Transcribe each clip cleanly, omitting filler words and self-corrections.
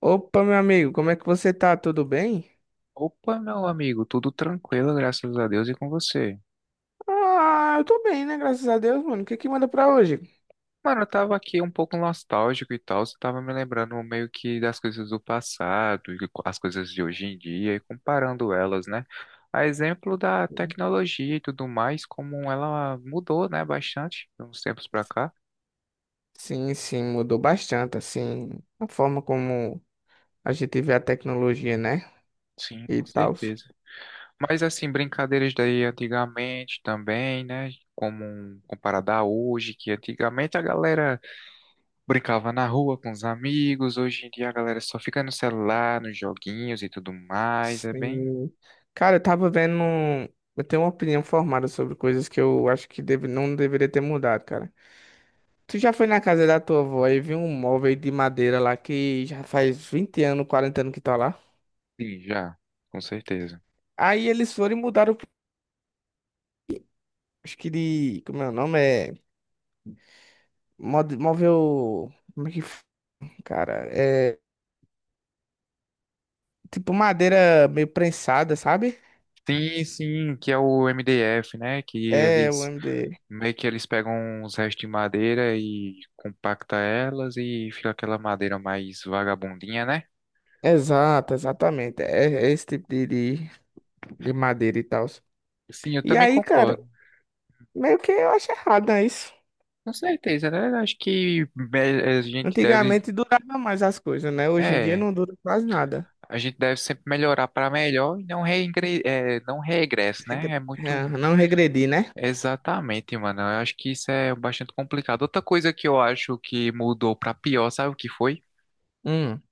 Opa, meu amigo, como é que você tá? Tudo bem? Opa, meu amigo, tudo tranquilo, graças a Deus e com você. Ah, eu tô bem, né? Graças a Deus, mano. O que que manda pra hoje? Mano, eu tava aqui um pouco nostálgico e tal, você tava me lembrando meio que das coisas do passado, e as coisas de hoje em dia e comparando elas, né? A exemplo da tecnologia e tudo mais, como ela mudou, né, bastante de uns tempos pra cá. Sim, sim, mudou bastante, assim, a forma como a gente vê a tecnologia, né? Sim, E com tal. certeza. Mas assim, brincadeiras daí antigamente também, né? Como comparada a hoje, que antigamente a galera brincava na rua com os amigos. Hoje em dia a galera só fica no celular, nos joguinhos e tudo mais. É bem. Sim. Cara, eu tava vendo. Eu tenho uma opinião formada sobre coisas que eu acho que não deveria ter mudado, cara. Tu já foi na casa da tua avó e viu um móvel de madeira lá que já faz 20 anos, 40 anos que tá lá? Sim, já, com certeza. Aí eles foram e mudaram. Acho que de. Como é o nome? Móvel. Como é que. Cara, é. Tipo madeira meio prensada, sabe? Sim, sim, que é o MDF, né? Que É, o eles MD. meio que eles pegam uns restos de madeira e compacta elas e fica aquela madeira mais vagabundinha, né? Exato, exatamente. É, é esse tipo de madeira e tal. Sim, eu E também aí, cara, concordo. meio que eu acho errado, né? Isso. Com certeza, né? Acho que a gente deve, Antigamente durava mais as coisas, né? Hoje em dia é, não dura quase nada. a gente deve sempre melhorar para melhor e não não regresso, né? É muito. É, não regredi, né? Exatamente, mano. Eu acho que isso é bastante complicado. Outra coisa que eu acho que mudou pra pior, sabe o que foi? Hum.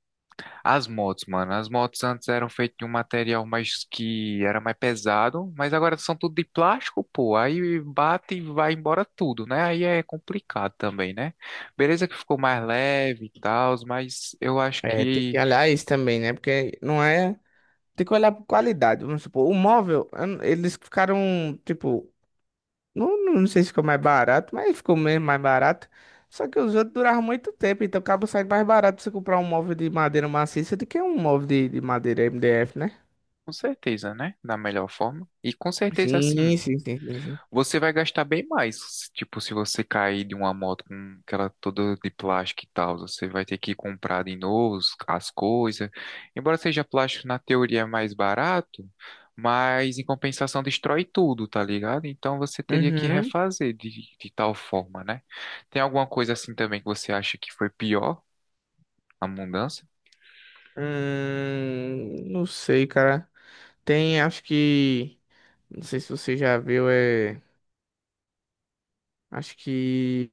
As motos, mano. As motos antes eram feitas de um material mais que era mais pesado, mas agora são tudo de plástico, pô. Aí bate e vai embora tudo, né? Aí é complicado também, né? Beleza que ficou mais leve e tal, mas eu acho É, tem que que olhar isso também, né? Porque não é. Tem que olhar por qualidade. Vamos supor, o móvel, eu não- eles ficaram, tipo, não, não sei se ficou mais barato, mas ficou mesmo mais barato. Só que os outros duravam muito tempo, então acaba saindo mais barato você comprar um móvel de madeira maciça do que um móvel de madeira MDF, né? com certeza, né? Da melhor forma. E com certeza, assim. Sim, sim, sim, sim, sim. Você vai gastar bem mais, tipo, se você cair de uma moto com aquela toda de plástico e tal, você vai ter que comprar de novo as coisas. Embora seja plástico na teoria é mais barato, mas em compensação destrói tudo, tá ligado? Então você teria que Uhum. refazer de tal forma, né? Tem alguma coisa assim também que você acha que foi pior a mudança? Não sei, cara. Tem, acho que. Não sei se você já viu. Acho que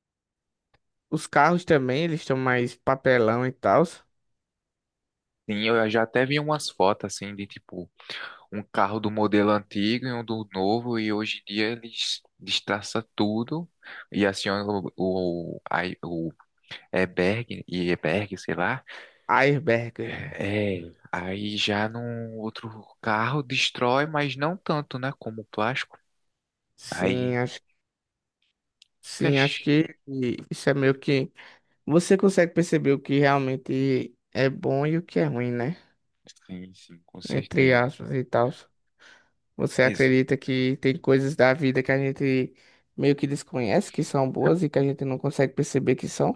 os carros também, eles estão mais papelão e tal. Sim, eu já até vi umas fotos assim de tipo um carro do modelo antigo e um do novo, e hoje em dia eles destraçam tudo e acionam o airbag, e airbag, sei lá. Airbag. É, aí já num outro carro destrói, mas não tanto, né, como o plástico. Sim, Aí, acho, sim, acho fecha. que isso é meio que. Você consegue perceber o que realmente é bom e o que é ruim, né? Sim, sim, com Entre certeza. aspas e tal. Você Ex acredita que tem coisas da vida que a gente meio que desconhece que são boas e que a gente não consegue perceber que são?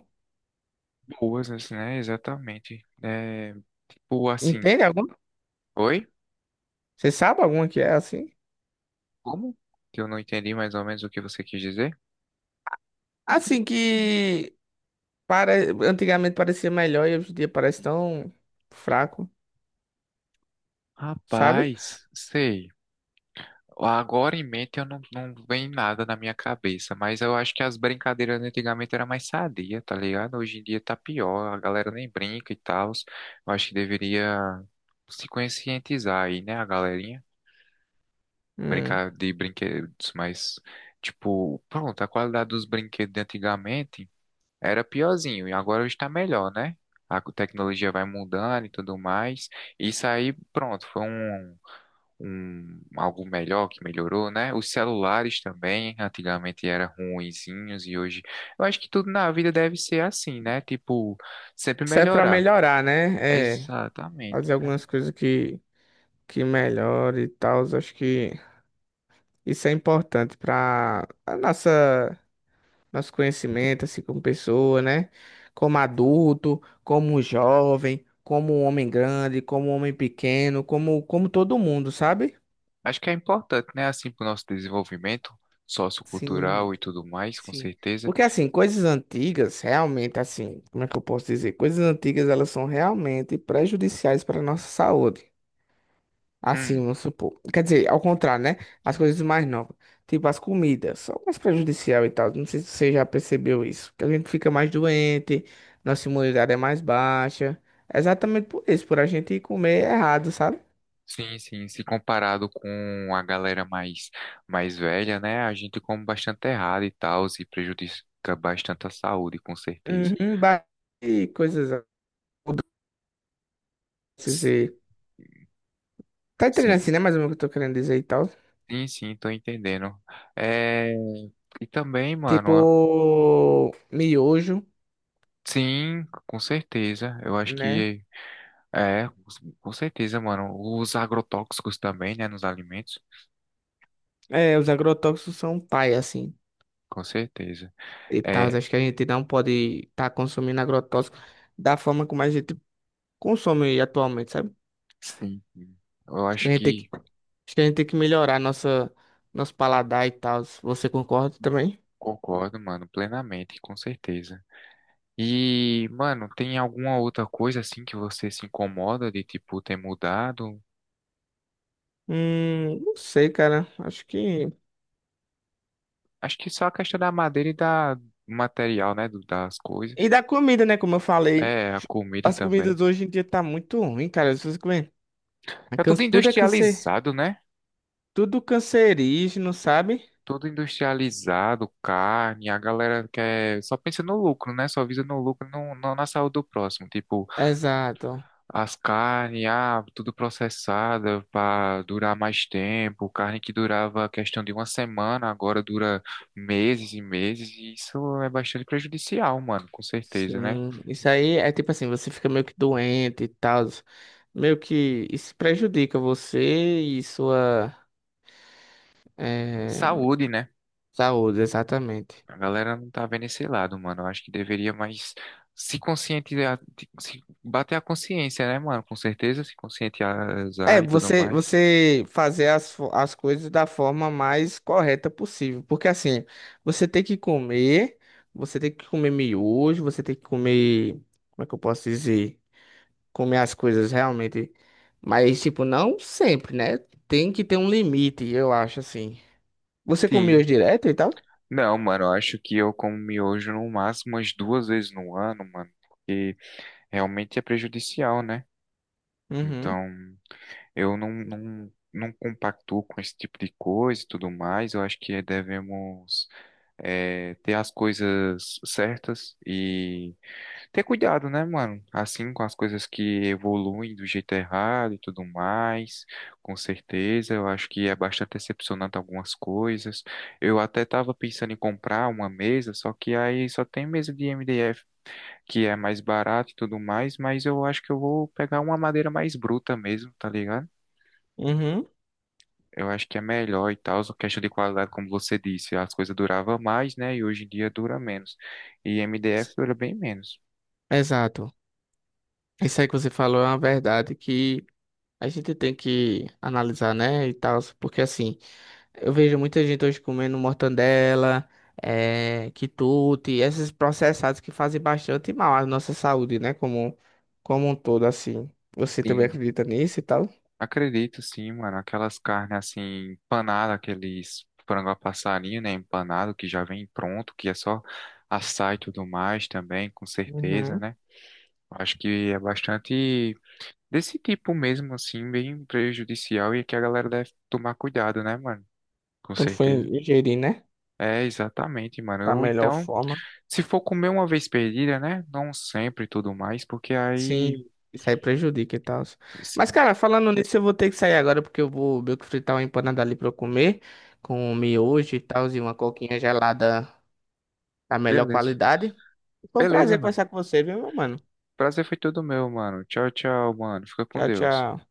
Boas, assim, né? Exatamente. É, tipo assim, Entende alguma? oi? Você sabe alguma que é assim? Como? Que eu não entendi mais ou menos o que você quis dizer. Assim que para... antigamente parecia melhor e hoje em dia parece tão fraco, sabe? Rapaz, sei. Agora em mente eu não vem nada na minha cabeça, mas eu acho que as brincadeiras antigamente era mais sadia, tá ligado? Hoje em dia tá pior, a galera nem brinca e tal. Eu acho que deveria se conscientizar aí, né, a galerinha? Hum. Brincar de brinquedos, mas, tipo, pronto, a qualidade dos brinquedos de antigamente era piorzinho e agora está melhor, né? A tecnologia vai mudando e tudo mais. Isso aí, pronto, foi algo melhor que melhorou, né? Os celulares também, antigamente eram ruinzinhos e hoje eu acho que tudo na vida deve ser assim, né? Tipo, sempre Serve pra melhorar. melhorar, né? É, Exatamente. fazer algumas coisas que. Que melhore e tal. Acho que isso é importante para a nossa nosso conhecimento, assim, como pessoa, né? Como adulto, como jovem, como homem grande, como homem pequeno, como todo mundo, sabe? Acho que é importante, né? Assim, para o nosso desenvolvimento Sim, sociocultural e tudo mais, com sim. certeza. Porque assim, coisas antigas, realmente assim, como é que eu posso dizer? Coisas antigas, elas são realmente prejudiciais para a nossa saúde. Assim, Hum, vamos supor. Quer dizer, ao contrário, né? As coisas mais novas. Tipo, as comidas são mais prejudicial e tal. Não sei se você já percebeu isso. Que a gente fica mais doente, nossa imunidade é mais baixa. É exatamente por isso, por a gente comer errado, sabe? sim, sim. Se comparado com a galera mais velha, né? A gente come bastante errado e tal, e prejudica bastante a saúde, com certeza. Uhum, ba- e coisas. doces S- e- Tá entendendo Sim. assim, né? Mais ou menos o que eu tô querendo dizer e tal. Sim, sim, tô entendendo. É, e também, mano, Tipo, miojo, sim, com certeza. Eu acho né? que é, com certeza, mano. Os agrotóxicos também, né, nos alimentos, É, os agrotóxicos são pai, assim. com certeza. E tal. É, Acho que a gente não pode estar consumindo agrotóxico da forma como a gente consome atualmente, sabe? sim, sim. Eu acho que Acho que a gente tem que melhorar nosso paladar e tal. Você concorda também? concordo, mano, plenamente, com certeza. E, mano, tem alguma outra coisa assim que você se incomoda de tipo ter mudado? Não sei, cara. Acho que. Acho que só a questão da madeira e da do material, né, das coisas. E da comida, né? Como eu falei, É, a comida as também. comidas hoje em dia tá muito ruim, cara. Se você comer. Tá tudo Tudo é cancer, industrializado, né? tudo cancerígeno, sabe? Tudo industrializado, carne, a galera quer, só pensa no lucro, né? Só visa no lucro, não na saúde do próximo. Tipo, Exato. as carnes, ah, tudo processada para durar mais tempo. Carne que durava questão de uma semana, agora dura meses e meses. E isso é bastante prejudicial, mano, com certeza, né? Sim, isso aí é tipo assim, você fica meio que doente e tal, meio que isso prejudica você e sua eh, Saúde, né? saúde, exatamente. A galera não tá vendo esse lado, mano. Eu acho que deveria mais se conscientizar, se bater a consciência, né, mano? Com certeza, se É, conscientizar e tudo mais. você fazer as, as coisas da forma mais correta possível, porque assim, você tem que comer, você tem que comer miojo, você tem que comer, como é que eu posso dizer? Comer as coisas realmente, mas tipo, não sempre, né? Tem que ter um limite, eu acho assim. Você comia hoje Sim. direto e tal? Não, mano, eu acho que eu como miojo no máximo umas duas vezes no ano, mano, porque realmente é prejudicial, né? Uhum, Então, eu não compactuo com esse tipo de coisa e tudo mais. Eu acho que devemos ter as coisas certas e ter cuidado, né, mano? Assim, com as coisas que evoluem do jeito errado e tudo mais, com certeza. Eu acho que é bastante decepcionante algumas coisas. Eu até tava pensando em comprar uma mesa, só que aí só tem mesa de MDF, que é mais barato e tudo mais, mas eu acho que eu vou pegar uma madeira mais bruta mesmo, tá ligado? uhum. Eu acho que é melhor e tal, só questão de qualidade, como você disse, as coisas duravam mais, né? E hoje em dia dura menos. E MDF dura bem menos. Exato. Isso aí que você falou é uma verdade que a gente tem que analisar, né? E tal, porque assim, eu vejo muita gente hoje comendo mortandela, é, quitute, esses processados que fazem bastante mal à nossa saúde, né? Como, como um todo, assim. Você também acredita nisso e tal? Acredito sim, mano. Aquelas carnes assim, empanada, aqueles frango a passarinho, né? Empanado, que já vem pronto, que é só assar e tudo mais também, com certeza, Uhum. né? Acho que é bastante desse tipo mesmo, assim, bem prejudicial e que a galera deve tomar cuidado, né, mano? Com Quando foi certeza. ingerir, né? É, exatamente, Da mano. Ou melhor então, forma. se for comer uma vez perdida, né? Não sempre e tudo mais, porque aí, Sim, isso aí prejudica e tal. Mas, assim, cara, falando nisso, eu vou ter que sair agora porque eu vou meio que fritar uma empanada ali pra eu comer, com um miojo e tal, e uma coquinha gelada da melhor beleza. qualidade. Foi um Beleza, prazer mano. conversar com você, viu, meu mano? Prazer foi todo meu, mano. Tchau, tchau, mano. Fica com Tchau, Deus. tchau.